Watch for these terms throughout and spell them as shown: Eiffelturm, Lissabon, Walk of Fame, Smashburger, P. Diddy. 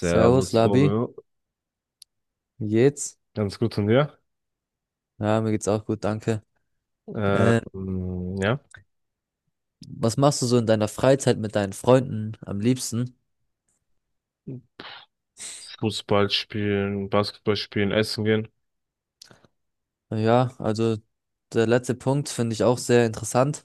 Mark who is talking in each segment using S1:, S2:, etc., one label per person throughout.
S1: Servus, Labi.
S2: Romeo.
S1: Wie geht's?
S2: Ganz gut von dir.
S1: Ja, mir geht's auch gut, danke. Äh,
S2: Ähm, ja.
S1: Was machst du so in deiner Freizeit mit deinen Freunden am liebsten?
S2: Fußball spielen, Basketball spielen, essen gehen.
S1: Ja, also der letzte Punkt finde ich auch sehr interessant.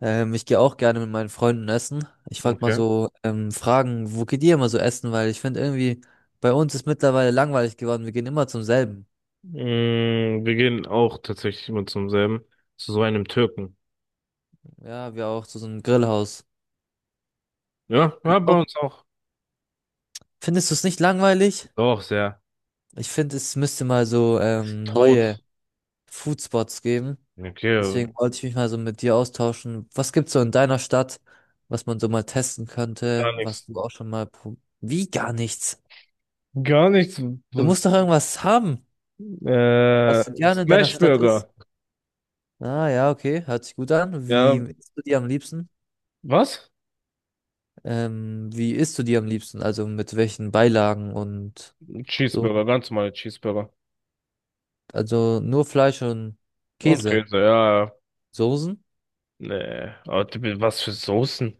S1: Ich gehe auch gerne mit meinen Freunden essen. Ich wollte mal
S2: Okay.
S1: so fragen, wo geht ihr immer so essen? Weil ich finde irgendwie, bei uns ist mittlerweile langweilig geworden. Wir gehen immer zum selben.
S2: Wir gehen auch tatsächlich immer zum selben. Zu so einem Türken.
S1: Ja, wir auch zu so einem Grillhaus.
S2: Ja,
S1: Ihr
S2: ja, bei
S1: auch?
S2: uns auch.
S1: Findest du es nicht langweilig?
S2: Doch, sehr.
S1: Ich finde, es müsste mal so
S2: Ist
S1: neue
S2: tot.
S1: Foodspots geben.
S2: Okay,
S1: Deswegen wollte ich mich mal so mit dir austauschen. Was gibt's so in deiner Stadt, was man so mal testen
S2: gar
S1: könnte, was
S2: nichts.
S1: du auch schon mal Wie, gar nichts?
S2: Gar nichts.
S1: Du musst doch irgendwas haben, was du gerne in deiner Stadt isst.
S2: Smashburger.
S1: Ah ja, okay, hört sich gut an.
S2: Ja,
S1: Wie isst du die am liebsten?
S2: was?
S1: Wie isst du die am liebsten? Also mit welchen Beilagen und so?
S2: Cheeseburger, ganz normale Cheeseburger.
S1: Also nur Fleisch und
S2: Und
S1: Käse.
S2: Käse, ja, ja.
S1: Soßen?
S2: Nee, aber was für Soßen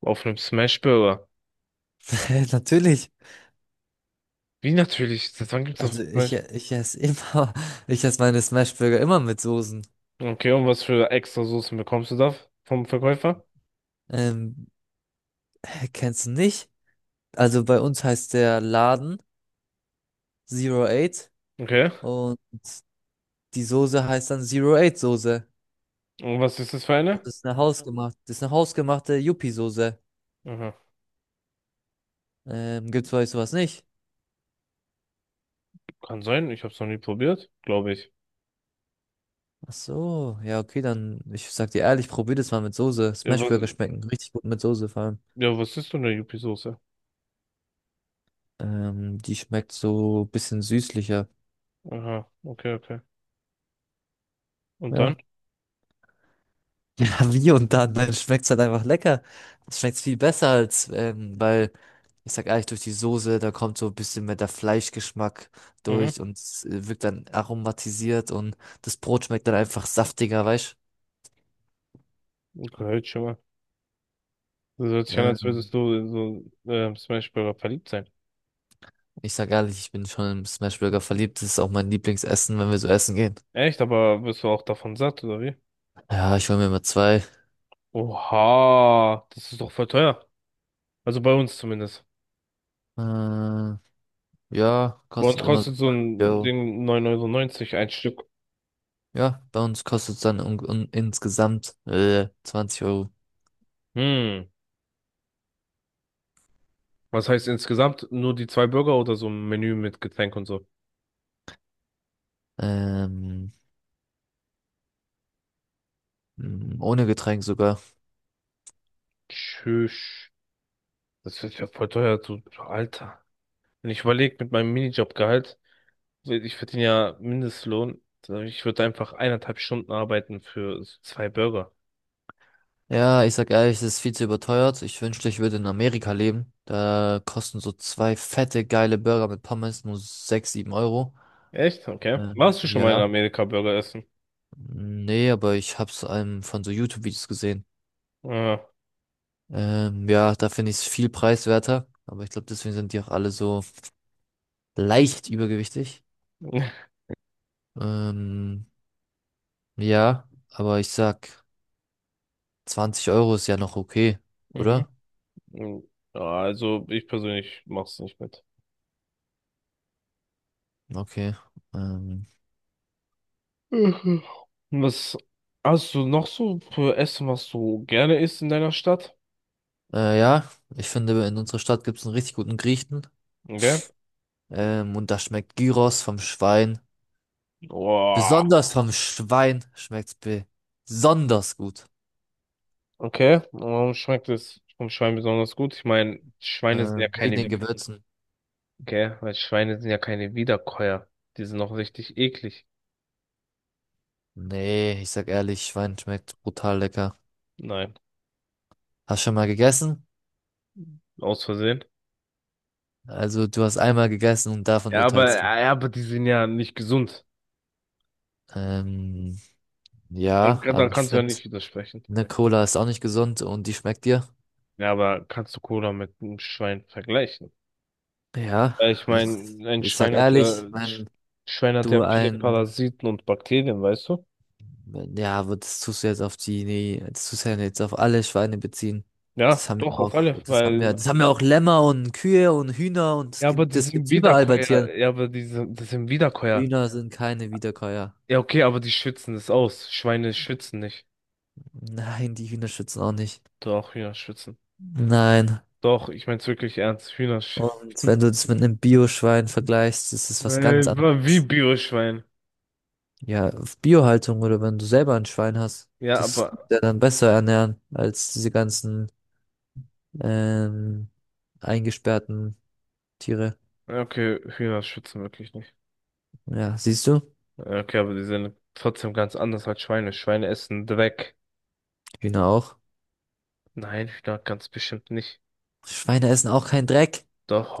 S2: auf einem Smashburger?
S1: Natürlich.
S2: Wie natürlich? Seit wann gibt's das?
S1: Also ich esse immer, ich esse meine Smashburger immer mit Soßen.
S2: Okay, und was für extra Soßen bekommst du da vom Verkäufer?
S1: Ähm, Hä, kennst du nicht? Also bei uns heißt der Laden Zero Eight
S2: Okay.
S1: und die Soße heißt dann Zero Eight Soße.
S2: Und was ist das für
S1: Also
S2: eine?
S1: das ist eine hausgemachte Yuppie-Soße.
S2: Aha.
S1: Gibt's bei euch sowas nicht?
S2: Kann sein, ich hab's noch nie probiert, glaube ich.
S1: Ach so, ja, okay, dann, ich sag dir ehrlich, probier das mal mit Soße.
S2: Ja, was,
S1: Smashburger schmecken richtig gut mit Soße vor allem.
S2: ja, was ist denn eine Yuppie-Soße?
S1: Die schmeckt so ein bisschen süßlicher.
S2: Aha, okay, okay. Und dann?
S1: Ja. Ja, wie und dann schmeckt's halt einfach lecker. Es schmeckt viel besser als, weil, ich sag ehrlich, durch die Soße, da kommt so ein bisschen mehr der Fleischgeschmack
S2: Mhm.
S1: durch und es wirkt dann aromatisiert und das Brot schmeckt dann einfach saftiger, weißt
S2: Okay, schon mal. Das hört
S1: du?
S2: sich an, als würdest du in so Smash Burger verliebt sein.
S1: Ich sag ehrlich, ich bin schon im Smashburger verliebt. Das ist auch mein Lieblingsessen, wenn wir so essen gehen.
S2: Echt, aber wirst du auch davon satt, oder wie?
S1: Ja, ich hole mir immer zwei.
S2: Oha, das ist doch voll teuer. Also bei uns zumindest.
S1: Äh, ja,
S2: Bei uns
S1: kostet immer so
S2: kostet so
S1: 20
S2: ein
S1: Euro.
S2: Ding 9,90 Euro neunzig ein Stück.
S1: Ja, bei uns kostet es dann un un insgesamt 20 Euro.
S2: Hm. Was heißt insgesamt, nur die zwei Burger oder so ein Menü mit Getränk und so?
S1: Ähm, Ohne Getränk sogar.
S2: Tschüss. Das wird ja voll teuer, du Alter. Wenn ich überlege mit meinem Minijobgehalt, ich verdiene ja Mindestlohn, ich würde einfach eineinhalb Stunden arbeiten für so zwei Burger.
S1: Ja, ich sag ehrlich, es ist viel zu überteuert. Ich wünschte, ich würde in Amerika leben. Da kosten so zwei fette, geile Burger mit Pommes nur 6, 7 Euro.
S2: Echt? Okay. Warst du schon mal in
S1: Ja.
S2: Amerika Burger essen?
S1: Nee, aber ich hab's von so YouTube-Videos gesehen.
S2: Ja.
S1: Ja, da finde ich es viel preiswerter. Aber ich glaube, deswegen sind die auch alle so leicht übergewichtig. Ähm, ja, aber ich sag, 20 Euro ist ja noch okay,
S2: Mhm.
S1: oder?
S2: Ja, also ich persönlich mach's nicht mit.
S1: Okay. Ähm,
S2: Mhm. Was hast du noch so für Essen, was du gerne isst in deiner Stadt?
S1: Ja, ich finde, in unserer Stadt gibt es einen richtig guten Griechen.
S2: Okay.
S1: Und da schmeckt Gyros vom Schwein.
S2: Boah.
S1: Besonders vom Schwein schmeckt's besonders gut.
S2: Okay, warum schmeckt es vom Schwein besonders gut? Ich meine, Schweine sind ja
S1: Wegen den
S2: keine,
S1: Gewürzen.
S2: gell, weil Schweine sind ja keine Wiederkäuer. Die sind noch richtig eklig.
S1: Nee, ich sag ehrlich, Schwein schmeckt brutal lecker.
S2: Nein,
S1: Hast schon mal gegessen?
S2: aus Versehen.
S1: Also, du hast einmal gegessen und davon
S2: Ja, aber,
S1: urteilst du.
S2: ja, ja, aber die sind ja nicht gesund.
S1: Ähm,
S2: Dann,
S1: ja, aber
S2: dann
S1: ich
S2: kannst du ja
S1: finde,
S2: nicht widersprechen.
S1: eine Cola ist auch nicht gesund und die schmeckt dir.
S2: Ja, aber kannst du Cola mit einem Schwein vergleichen?
S1: Ja,
S2: Weil ich
S1: ich,
S2: meine, ein
S1: ich sag
S2: Schwein hat ja,
S1: ehrlich, wenn
S2: Schwein hat
S1: du
S2: ja viele
S1: ein,
S2: Parasiten und Bakterien, weißt du?
S1: ja, aber das tust du jetzt auf das tust du ja jetzt auf alle Schweine beziehen.
S2: Ja,
S1: Das haben wir
S2: doch, auf
S1: auch,
S2: alle, weil
S1: das haben wir auch, Lämmer und Kühe und Hühner und
S2: ja, aber die
S1: das
S2: sind
S1: gibt's überall bei
S2: Wiederkäuer.
S1: Tieren.
S2: Das sind Wiederkäuer.
S1: Hühner sind keine Wiederkäuer.
S2: Ja, okay, aber die schützen das aus. Schweine schützen nicht.
S1: Nein, die Hühner schützen auch nicht.
S2: Doch, Hühner schützen.
S1: Nein.
S2: Doch, ich mein's wirklich ernst. Hühner
S1: Und
S2: schützen.
S1: wenn du das mit einem Bio-Schwein vergleichst, ist es was ganz
S2: Äh, Wie
S1: anderes.
S2: Bioschwein.
S1: Ja, auf Biohaltung, oder wenn du selber ein Schwein hast,
S2: Ja,
S1: das kannst
S2: aber,
S1: du ja dann besser ernähren als diese ganzen ähm, eingesperrten Tiere.
S2: ja, okay, Hühner schützen wirklich nicht.
S1: Ja, siehst du?
S2: Ja, okay, aber die sind trotzdem ganz anders als Schweine. Schweine essen Dreck.
S1: Hühner auch.
S2: Nein, Hühner ganz bestimmt nicht.
S1: Schweine essen auch keinen Dreck.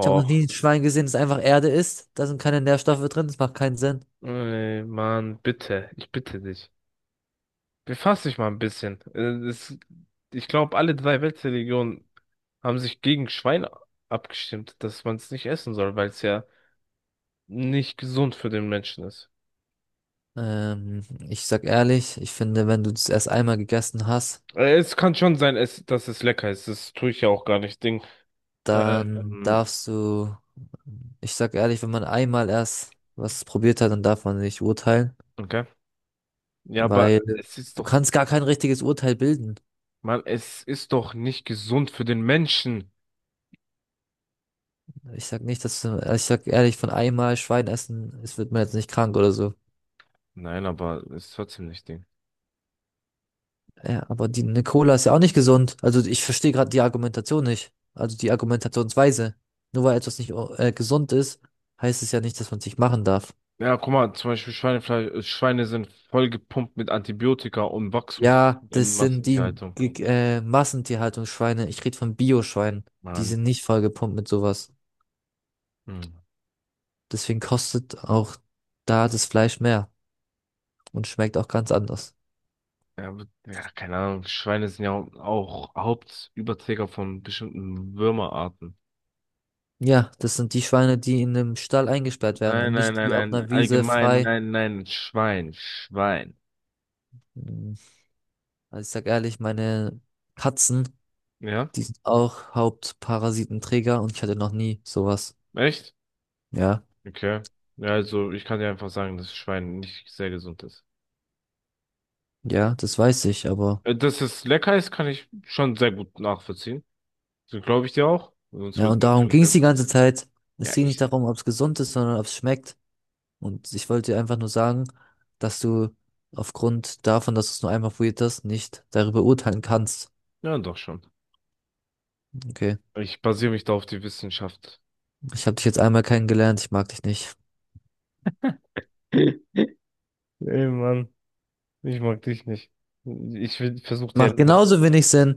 S1: Ich habe noch nie ein Schwein gesehen, das einfach Erde isst. Da sind keine Nährstoffe drin, das macht keinen Sinn.
S2: Ey, Mann, bitte. Ich bitte dich. Befass dich mal ein bisschen. Es, ich glaube, alle drei Weltreligionen haben sich gegen Schwein abgestimmt, dass man es nicht essen soll, weil es ja nicht gesund für den Menschen ist.
S1: Ich sag ehrlich, ich finde, wenn du das erst einmal gegessen hast,
S2: Es kann schon sein, dass es lecker ist. Das tue ich ja auch gar nicht. Ding.
S1: dann
S2: Ähm,
S1: darfst du, ich sag ehrlich, wenn man einmal erst was probiert hat, dann darf man nicht urteilen,
S2: okay. Ja, aber
S1: weil
S2: es ist
S1: du
S2: doch,
S1: kannst gar kein richtiges Urteil bilden.
S2: Mann, es ist doch nicht gesund für den Menschen.
S1: Ich sag nicht, dass du, ich sag ehrlich, von einmal Schwein essen, es wird man jetzt nicht krank oder so.
S2: Nein, aber es ist trotzdem nicht Ding.
S1: Ja, aber die, eine Cola ist ja auch nicht gesund. Also ich verstehe gerade die Argumentation nicht. Also die Argumentationsweise. Nur weil etwas nicht gesund ist, heißt es ja nicht, dass man es nicht machen darf.
S2: Ja, guck mal, zum Beispiel Schweinefleisch, Schweine sind vollgepumpt mit Antibiotika und Wachstum
S1: Ja,
S2: in
S1: das sind die
S2: Massentierhaltung.
S1: Massentierhaltungsschweine. Ich rede von Bioschweinen. Die
S2: Mann.
S1: sind nicht vollgepumpt mit sowas.
S2: Hm.
S1: Deswegen kostet auch da das Fleisch mehr und schmeckt auch ganz anders.
S2: Ja, ja, keine Ahnung. Schweine sind ja auch Hauptüberträger von bestimmten Würmerarten.
S1: Ja, das sind die Schweine, die in einem Stall eingesperrt werden
S2: Nein,
S1: und
S2: nein,
S1: nicht
S2: nein,
S1: die auf
S2: nein.
S1: einer Wiese
S2: Allgemein,
S1: frei.
S2: nein, nein. Schwein, Schwein.
S1: Hm, Also ich sag ehrlich, meine Katzen,
S2: Ja?
S1: die sind auch Hauptparasitenträger und ich hatte noch nie sowas.
S2: Echt?
S1: Ja,
S2: Okay. Ja, also ich kann dir einfach sagen, dass Schwein nicht sehr gesund ist.
S1: ja, das weiß ich, aber
S2: Dass es lecker ist, kann ich schon sehr gut nachvollziehen. So glaube ich dir auch. Sonst
S1: ja,
S2: würde
S1: und
S2: ich es ja
S1: darum
S2: nicht
S1: ging es die
S2: essen.
S1: ganze Zeit. Es
S2: Ja,
S1: ging nicht
S2: ich.
S1: darum, ob es gesund ist, sondern ob es schmeckt. Und ich wollte dir einfach nur sagen, dass du aufgrund davon, dass du es nur einmal probiert hast, nicht darüber urteilen kannst.
S2: Ja, doch schon.
S1: Okay,
S2: Ich basiere mich da auf die Wissenschaft.
S1: ich habe dich jetzt einmal kennengelernt, ich mag dich nicht.
S2: Ey, Mann, ich mag dich nicht. Ich versuch dir
S1: Macht
S2: etwas.
S1: genauso wenig Sinn.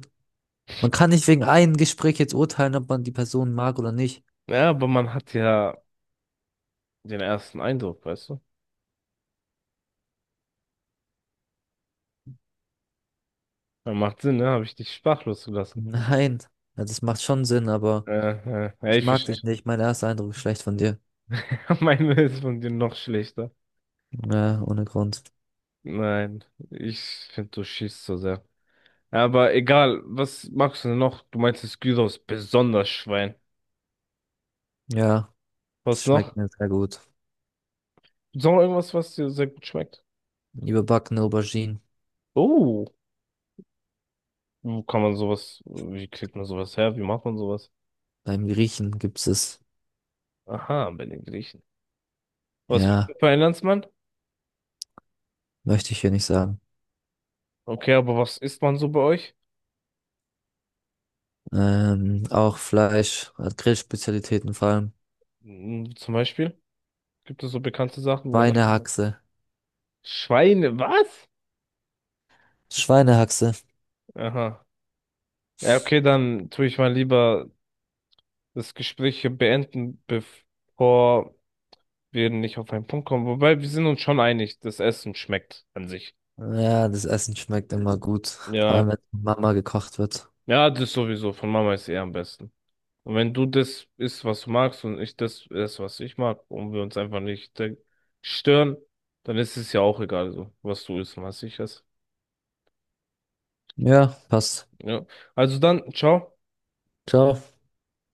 S1: Man kann nicht wegen einem Gespräch jetzt urteilen, ob man die Person mag oder nicht.
S2: Ja, aber man hat ja den ersten Eindruck, weißt du? Ja, macht Sinn, ne? Habe ich dich sprachlos gelassen.
S1: Nein, ja, das macht schon Sinn, aber.
S2: Äh, ja,
S1: Ich
S2: ich
S1: mag
S2: verstehe
S1: dich
S2: schon.
S1: nicht. Mein erster Eindruck ist schlecht von dir.
S2: Meine ist von dir noch schlechter.
S1: Ja, ohne Grund.
S2: Nein, ich finde, du schießt so sehr. Ja, aber egal, was magst du denn noch? Du meinst, das Gyros ist besonders Schwein.
S1: Ja, das
S2: Was
S1: schmeckt
S2: noch?
S1: mir sehr gut.
S2: Ist noch irgendwas, was dir sehr gut schmeckt?
S1: Überbackene Auberginen.
S2: Oh, wo kann man sowas, wie kriegt man sowas her? Wie macht man sowas?
S1: Beim Griechen gibt's es.
S2: Aha, bei den Griechen. Was bist du
S1: Ja,
S2: für ein Landsmann?
S1: möchte ich hier nicht sagen.
S2: Okay, aber was isst man so bei euch?
S1: Auch Fleisch, Grillspezialitäten vor allem.
S2: Hm, zum Beispiel? Gibt es so bekannte Sachen, die man kriegt?
S1: Schweinehaxe.
S2: Schweine, was?
S1: Schweinehaxe.
S2: Aha. Ja, okay, dann tue ich mal lieber das Gespräch hier beenden, bevor wir nicht auf einen Punkt kommen. Wobei, wir sind uns schon einig, das Essen schmeckt an sich.
S1: Ja, das Essen schmeckt immer gut. Vor
S2: Ja,
S1: allem, wenn Mama gekocht wird.
S2: ja, das sowieso. Von Mama ist eh am besten. Und wenn du das isst, was du magst, und ich das esse, was ich mag, und wir uns einfach nicht stören, dann ist es ja auch egal, so, was du isst und was ich esse.
S1: Ja, passt.
S2: Ja. Also dann, ciao.
S1: Ciao.